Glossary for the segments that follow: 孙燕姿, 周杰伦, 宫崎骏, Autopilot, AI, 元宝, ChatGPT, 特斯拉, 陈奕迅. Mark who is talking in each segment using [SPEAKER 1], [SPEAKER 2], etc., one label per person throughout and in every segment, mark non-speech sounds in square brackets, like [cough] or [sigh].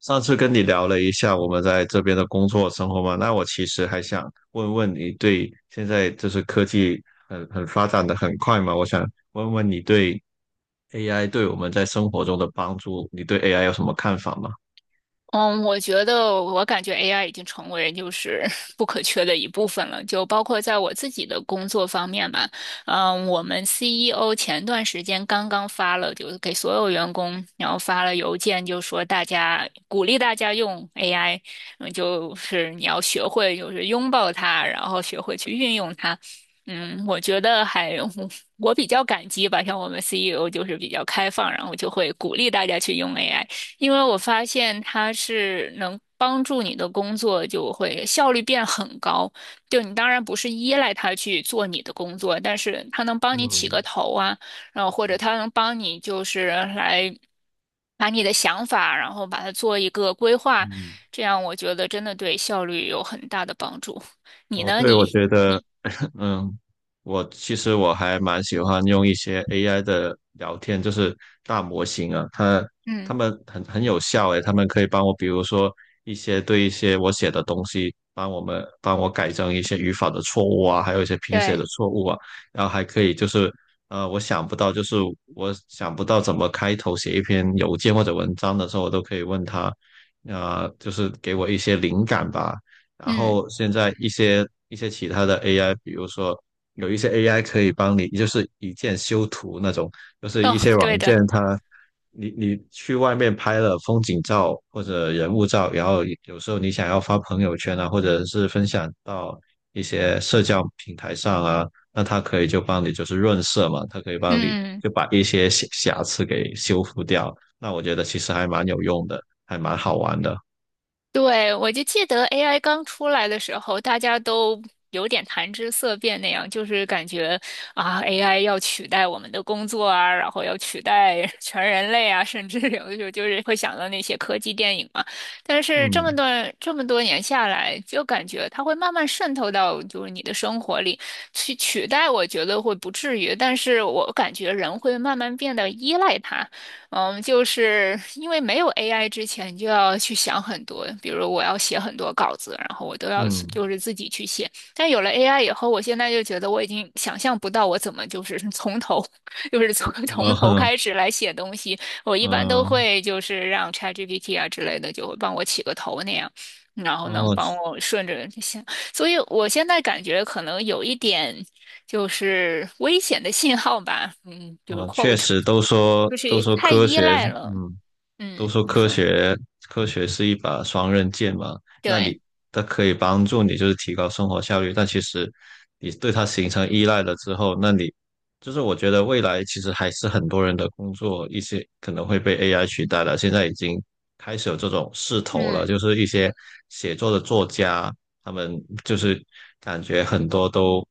[SPEAKER 1] 上次跟你聊了一下我们在这边的工作生活嘛，那我其实还想问问你对现在就是科技很发展的很快嘛。我想问问你对 AI 对我们在生活中的帮助，你对 AI 有什么看法吗？
[SPEAKER 2] 嗯，我觉得我感觉 AI 已经成为就是 [laughs] 不可缺的一部分了，就包括在我自己的工作方面吧。我们 CEO 前段时间刚刚发了，就是给所有员工，然后发了邮件，就说大家鼓励大家用 AI,就是你要学会就是拥抱它，然后学会去运用它。我觉得还 [laughs] 我比较感激吧，像我们 CEO 就是比较开放，然后就会鼓励大家去用 AI。因为我发现它是能帮助你的工作就会效率变很高。就你当然不是依赖它去做你的工作，但是它能帮你起
[SPEAKER 1] 嗯
[SPEAKER 2] 个头啊，然后或者
[SPEAKER 1] 嗯
[SPEAKER 2] 它能帮你就是来把你的想法，然后把它做一个规划，
[SPEAKER 1] 嗯。
[SPEAKER 2] 这样我觉得真的对效率有很大的帮助。你
[SPEAKER 1] 哦，
[SPEAKER 2] 呢？
[SPEAKER 1] 对，我觉得，
[SPEAKER 2] 你
[SPEAKER 1] 嗯，我其实还蛮喜欢用一些 AI 的聊天，就是大模型啊，它它
[SPEAKER 2] 嗯。
[SPEAKER 1] 们很有效诶。它们可以帮我，比如说一些我写的东西，帮我改正一些语法的错误啊，还有一些拼写
[SPEAKER 2] 对。
[SPEAKER 1] 的错误啊。然后还可以就是呃，我想不到就是我想不到怎么开头写一篇邮件或者文章的时候，我都可以问他，啊、就是给我一些灵感吧。然
[SPEAKER 2] 嗯。
[SPEAKER 1] 后现在一些其他的 AI，比如说有一些 AI 可以帮你，就是一键修图那种，就是
[SPEAKER 2] 哦，
[SPEAKER 1] 一些
[SPEAKER 2] 对
[SPEAKER 1] 软
[SPEAKER 2] 的。
[SPEAKER 1] 件它，你去外面拍了风景照或者人物照，然后有时候你想要发朋友圈啊，或者是分享到一些社交平台上啊，那它可以就帮你就是润色嘛，它可以帮你
[SPEAKER 2] 嗯嗯。嗯。
[SPEAKER 1] 就把一些瑕疵给修复掉。那我觉得其实还蛮有用的，还蛮好玩的。
[SPEAKER 2] 对，我就记得 AI 刚出来的时候，大家都有点谈之色变那样，就是感觉啊，AI 要取代我们的工作啊，然后要取代 [laughs] 全人类啊，甚至有的时候就是会想到那些科技电影嘛。但是
[SPEAKER 1] 嗯
[SPEAKER 2] 这么多年下来，就感觉它会慢慢渗透到就是你的生活里去取代，我觉得会不至于，但是我感觉人会慢慢变得依赖它。就是因为没有 AI 之前，你就要去想很多，比如我要写很多稿子，然后我都要
[SPEAKER 1] 嗯。
[SPEAKER 2] 就是自己去写。但有了 AI 以后，我现在就觉得我已经想象不到我怎么就是 [laughs] [laughs] 就是从 [laughs] 从头开
[SPEAKER 1] [laughs]
[SPEAKER 2] 始来写东西。我一般都
[SPEAKER 1] 嗯。
[SPEAKER 2] 会就是让 ChatGPT 啊之类的，就会帮我起个头那样，然后能
[SPEAKER 1] 哦，
[SPEAKER 2] 帮我顺着想。所以我现在感觉可能有一点。就是危险的信号吧，就是
[SPEAKER 1] 我确
[SPEAKER 2] quote,
[SPEAKER 1] 实都说
[SPEAKER 2] 就
[SPEAKER 1] 都
[SPEAKER 2] 是
[SPEAKER 1] 说
[SPEAKER 2] 太
[SPEAKER 1] 科
[SPEAKER 2] 依
[SPEAKER 1] 学，
[SPEAKER 2] 赖了。
[SPEAKER 1] 嗯，都
[SPEAKER 2] 嗯，
[SPEAKER 1] 说
[SPEAKER 2] 你
[SPEAKER 1] 科
[SPEAKER 2] 说。
[SPEAKER 1] 学科学是一把双刃剑嘛。那
[SPEAKER 2] 对。
[SPEAKER 1] 你它可以帮助你就是提高生活效率，但其实你对它形成依赖了之后，就是我觉得未来其实还是很多人的工作一些可能会被 AI 取代了，现在已经开始有这种势头了。
[SPEAKER 2] 嗯。
[SPEAKER 1] 就是一些写作的作家，他们就是感觉很多都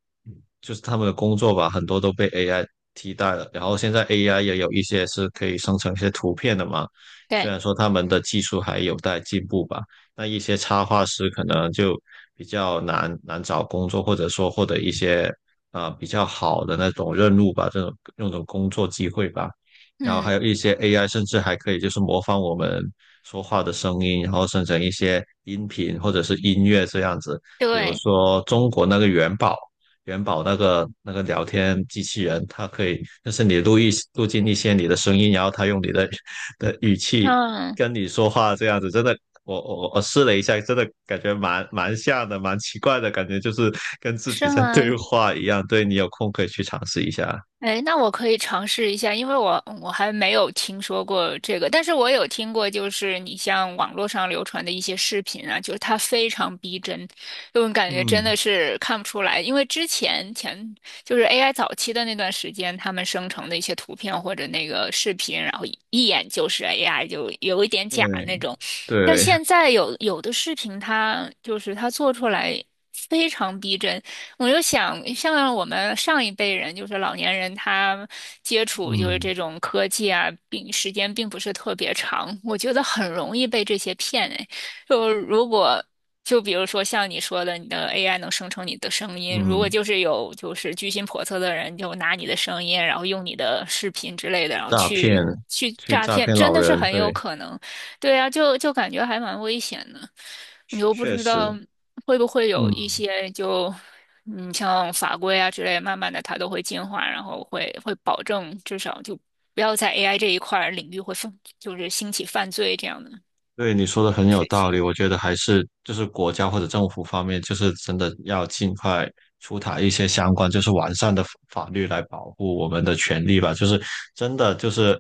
[SPEAKER 1] 就是他们的工作吧，很多都被 AI 替代了。然后现在 AI 也有一些是可以生成一些图片的嘛，虽
[SPEAKER 2] 对。
[SPEAKER 1] 然说他们的技术还有待进步吧，那一些插画师可能就比较难找工作，或者说获得一些啊比较好的那种任务吧，这种那种工作机会吧。然后还
[SPEAKER 2] 嗯。
[SPEAKER 1] 有一些 AI，甚至还可以就是模仿我们说话的声音，然后生成一些音频或者是音乐这样子。比如
[SPEAKER 2] 对。
[SPEAKER 1] 说中国那个元宝，元宝那个聊天机器人，它可以就是你录一录进一些你的声音，然后它用你的语气
[SPEAKER 2] 嗯。
[SPEAKER 1] 跟你说话这样子。真的，我试了一下，真的感觉蛮像的，蛮奇怪的感觉，就是跟自己
[SPEAKER 2] 是
[SPEAKER 1] 在
[SPEAKER 2] 吗？
[SPEAKER 1] 对话一样。对，你有空可以去尝试一下。
[SPEAKER 2] 哎，那我可以尝试一下，因为我还没有听说过这个，但是我有听过，就是你像网络上流传的一些视频啊，就是它非常逼真，就我感觉真的
[SPEAKER 1] 嗯，
[SPEAKER 2] 是看不出来，因为之前前就是 AI 早期的那段时间，他们生成的一些图片或者那个视频，然后一一眼就是 AI,就有一点假
[SPEAKER 1] 对
[SPEAKER 2] 那种，但
[SPEAKER 1] 对。
[SPEAKER 2] 现在有的视频它就是它做出来非常逼真。我就想，像我们上一辈人，就是老年人，他接触就是
[SPEAKER 1] 嗯
[SPEAKER 2] 这种科技啊，时间并不是特别长，我觉得很容易被这些骗哎。就如果就比如说像你说的，你的 AI 能生成你的声音，如果
[SPEAKER 1] 嗯，
[SPEAKER 2] 就是有就是居心叵测的人，就拿你的声音，然后用你的视频之类的，
[SPEAKER 1] 去
[SPEAKER 2] 然后
[SPEAKER 1] 诈骗，
[SPEAKER 2] 去
[SPEAKER 1] 去
[SPEAKER 2] 诈
[SPEAKER 1] 诈
[SPEAKER 2] 骗，
[SPEAKER 1] 骗
[SPEAKER 2] 真
[SPEAKER 1] 老
[SPEAKER 2] 的是
[SPEAKER 1] 人，
[SPEAKER 2] 很有
[SPEAKER 1] 对。
[SPEAKER 2] 可能。对啊，就感觉还蛮危险的，你
[SPEAKER 1] 确
[SPEAKER 2] 又不
[SPEAKER 1] 确
[SPEAKER 2] 知道
[SPEAKER 1] 实，
[SPEAKER 2] 会不会有一
[SPEAKER 1] 嗯。
[SPEAKER 2] 些就,像法规啊之类，慢慢的它都会进化，然后会保证至少就不要在 AI 这一块儿领域会犯，就是兴起犯罪这样的
[SPEAKER 1] 对，你说的很有
[SPEAKER 2] 事
[SPEAKER 1] 道
[SPEAKER 2] 情。
[SPEAKER 1] 理，我觉得还是就是国家或者政府方面，就是真的要尽快出台一些相关就是完善的法律来保护我们的权利吧。就是真的就是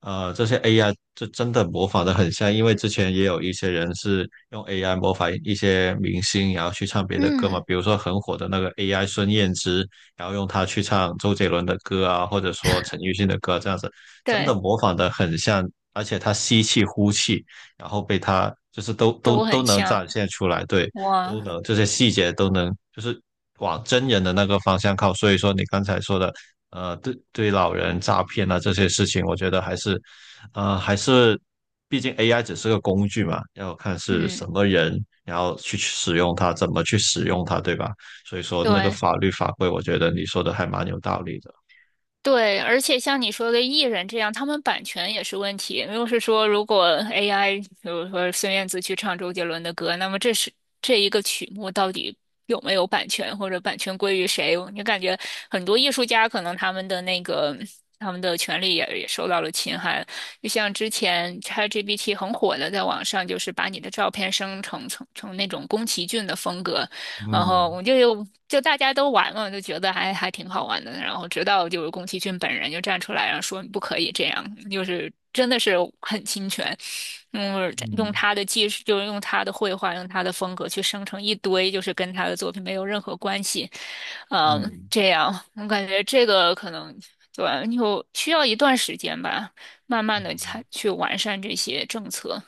[SPEAKER 1] 这些 AI 就真的模仿的很像，因为之前也有一些人是用 AI 模仿一些明星，然后去唱别的歌嘛，
[SPEAKER 2] 嗯。
[SPEAKER 1] 比如说很火的那个 AI 孙燕姿，然后用它去唱周杰伦的歌啊，或者说陈奕迅的歌，这样子真
[SPEAKER 2] 对。
[SPEAKER 1] 的模仿的很像。而且它吸气呼气，然后被他就是都都
[SPEAKER 2] 都
[SPEAKER 1] 都
[SPEAKER 2] 很
[SPEAKER 1] 能
[SPEAKER 2] 像。
[SPEAKER 1] 展现出来。对，都
[SPEAKER 2] 哇。
[SPEAKER 1] 能这些细节都能就是往真人的那个方向靠。所以说你刚才说的，呃，对对老人诈骗啊这些事情，我觉得还是，呃，还是毕竟 AI 只是个工具嘛，要看是什
[SPEAKER 2] 嗯，
[SPEAKER 1] 么人，然后去使用它，怎么去使用它，对吧？所以说那个
[SPEAKER 2] 对，
[SPEAKER 1] 法律法规，我觉得你说的还蛮有道理的。
[SPEAKER 2] 对，而且像你说的艺人这样，他们版权也是问题。就是说，如果 AI,比如说孙燕姿去唱周杰伦的歌，那么这一个曲目到底有没有版权，或者版权归于谁？你感觉很多艺术家可能他们的权利也受到了侵害。就像之前 ChatGPT 很火的，在网上就是把你的照片生成成那种宫崎骏的风格，然后
[SPEAKER 1] 嗯
[SPEAKER 2] 我就大家都玩嘛，就觉得还挺好玩的。然后直到就是宫崎骏本人就站出来，然后说你不可以这样，就是真的是很侵权。嗯。用
[SPEAKER 1] 嗯
[SPEAKER 2] 他的技术，就是用他的绘画，用他的风格去生成一堆就是跟他的作品没有任何关系。嗯。
[SPEAKER 1] 嗯
[SPEAKER 2] 这样我感觉这个可能对。就需要一段时间吧，慢慢的
[SPEAKER 1] 嗯。
[SPEAKER 2] 才去完善这些政策，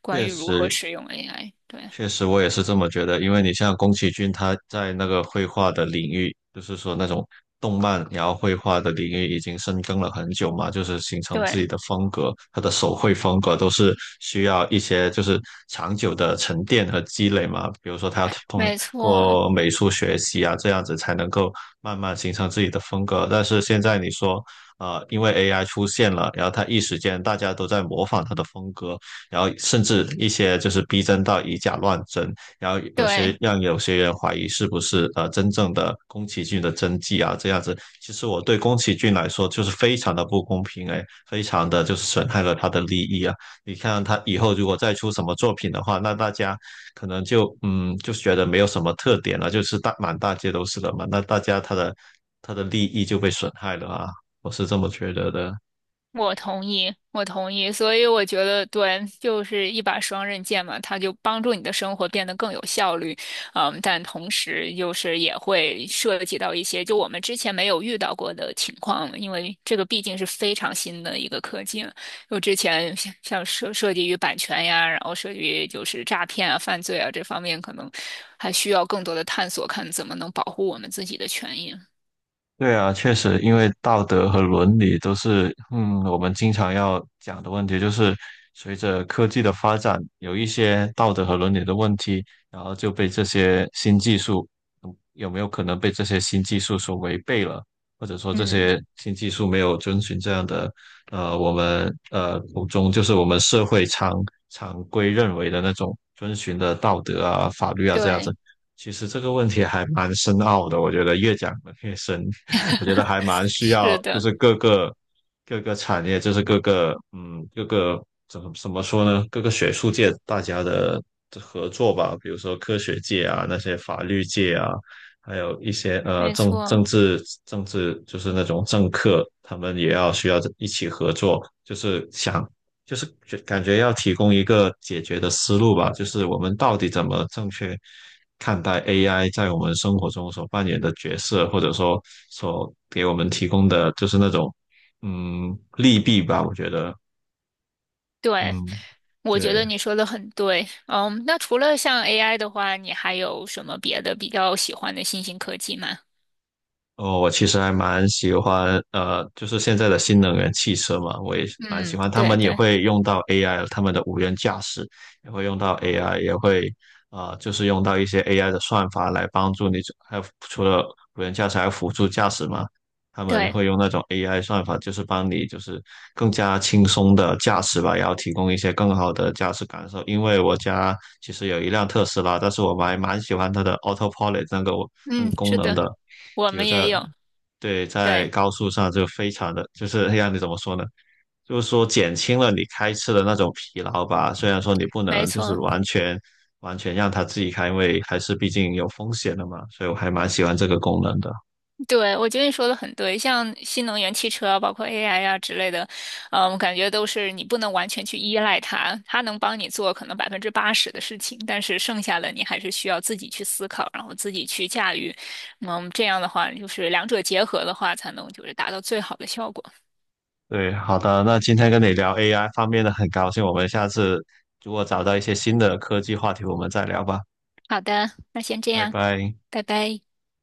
[SPEAKER 2] 关
[SPEAKER 1] 确
[SPEAKER 2] 于如何
[SPEAKER 1] 实，
[SPEAKER 2] 使用 AI。对
[SPEAKER 1] 确实，我也是这么觉得。因为你像宫崎骏，他在那个绘画的领域，就是说那种动漫然后绘画的领域已经深耕了很久嘛，就是形成自己
[SPEAKER 2] 对，
[SPEAKER 1] 的风格。他的手绘风格都是需要一些就是长久的沉淀和积累嘛。比如说，他要通
[SPEAKER 2] 没错。
[SPEAKER 1] 过美术学习啊，这样子才能够慢慢形成自己的风格。但是现在你说，因为 AI 出现了，然后他一时间大家都在模仿他的风格，然后甚至一些就是逼真到以假乱真，然后有些
[SPEAKER 2] 对，
[SPEAKER 1] 让有些人怀疑是不是真正的宫崎骏的真迹啊这样子。其实我对宫崎骏来说就是非常的不公平哎，非常的就是损害了他的利益啊。你看他以后如果再出什么作品的话，那大家可能就嗯就觉得没有什么特点了，就是大满大街都是了嘛，那大家他的利益就被损害了啊。我是这么觉得的。
[SPEAKER 2] 我同意，我同意，所以我觉得对，就是一把双刃剑嘛，它就帮助你的生活变得更有效率，嗯，但同时就是也会涉及到一些就我们之前没有遇到过的情况，因为这个毕竟是非常新的一个科技了，就之前像涉及于版权呀，然后涉及于就是诈骗啊、犯罪啊这方面，可能还需要更多的探索，看怎么能保护我们自己的权益。
[SPEAKER 1] 对啊，确实，因为道德和伦理都是，嗯，我们经常要讲的问题，就是随着科技的发展，有一些道德和伦理的问题，然后就被这些新技术，嗯有没有可能被这些新技术所违背了，或者说这
[SPEAKER 2] 嗯，
[SPEAKER 1] 些新技术没有遵循这样的，我们口中就是我们社会常规认为的那种遵循的道德啊、法律啊这样子。
[SPEAKER 2] 对，
[SPEAKER 1] 其实这个问题还蛮深奥的，我觉得越讲得越深。我觉得还
[SPEAKER 2] [laughs]
[SPEAKER 1] 蛮需要，
[SPEAKER 2] 是
[SPEAKER 1] 就
[SPEAKER 2] 的，
[SPEAKER 1] 是各个产业，就是各个怎么说呢？各个学术界大家的合作吧，比如说科学界啊，那些法律界啊，还有一些呃
[SPEAKER 2] 没
[SPEAKER 1] 政
[SPEAKER 2] 错。
[SPEAKER 1] 政治政治就是那种政客，他们也要需要一起合作，就是想就是感觉要提供一个解决的思路吧，就是我们到底怎么正确看待 AI 在我们生活中所扮演的角色，或者说所给我们提供的就是那种利弊吧，我觉得
[SPEAKER 2] 对，
[SPEAKER 1] 嗯
[SPEAKER 2] 我觉
[SPEAKER 1] 对。
[SPEAKER 2] 得你说的很对。嗯，那除了像 AI 的话，你还有什么别的比较喜欢的新兴科技吗？
[SPEAKER 1] 哦，我其实还蛮喜欢，就是现在的新能源汽车嘛，我也蛮喜
[SPEAKER 2] 嗯，
[SPEAKER 1] 欢。他
[SPEAKER 2] 对
[SPEAKER 1] 们也
[SPEAKER 2] 对
[SPEAKER 1] 会用到 AI，他们的无人驾驶也会用到 AI，也会就是用到一些 AI 的算法来帮助你。还有除了无人驾驶，还有辅助驾驶嘛，他们
[SPEAKER 2] 对，
[SPEAKER 1] 会用那种 AI 算法，就是帮你就是更加轻松的驾驶吧，然后提供一些更好的驾驶感受。因为我家其实有一辆特斯拉，但是我还蛮喜欢它的 Autopilot 那个
[SPEAKER 2] 嗯，
[SPEAKER 1] 功
[SPEAKER 2] 是
[SPEAKER 1] 能
[SPEAKER 2] 的，
[SPEAKER 1] 的。
[SPEAKER 2] 我
[SPEAKER 1] 有
[SPEAKER 2] 们也
[SPEAKER 1] 在
[SPEAKER 2] 有，
[SPEAKER 1] 对，在
[SPEAKER 2] 对，
[SPEAKER 1] 高速上就非常的就是让你怎么说呢？就是说减轻了你开车的那种疲劳吧。虽然说你不
[SPEAKER 2] 没
[SPEAKER 1] 能就是
[SPEAKER 2] 错。
[SPEAKER 1] 完全让它自己开，因为还是毕竟有风险的嘛。所以我还蛮喜欢这个功能的。
[SPEAKER 2] 对，我觉得你说的很对，像新能源汽车啊包括 AI 啊之类的，我感觉都是你不能完全去依赖它，它能帮你做可能80%的事情，但是剩下的你还是需要自己去思考，然后自己去驾驭。这样的话，就是两者结合的话，才能就是达到最好的效果。
[SPEAKER 1] 对，好的，那今天跟你聊 AI 方面的很高兴，我们下次如果找到一些新的科技话题，我们再聊吧，
[SPEAKER 2] 好的，那先这
[SPEAKER 1] 拜
[SPEAKER 2] 样，
[SPEAKER 1] 拜。
[SPEAKER 2] 拜拜。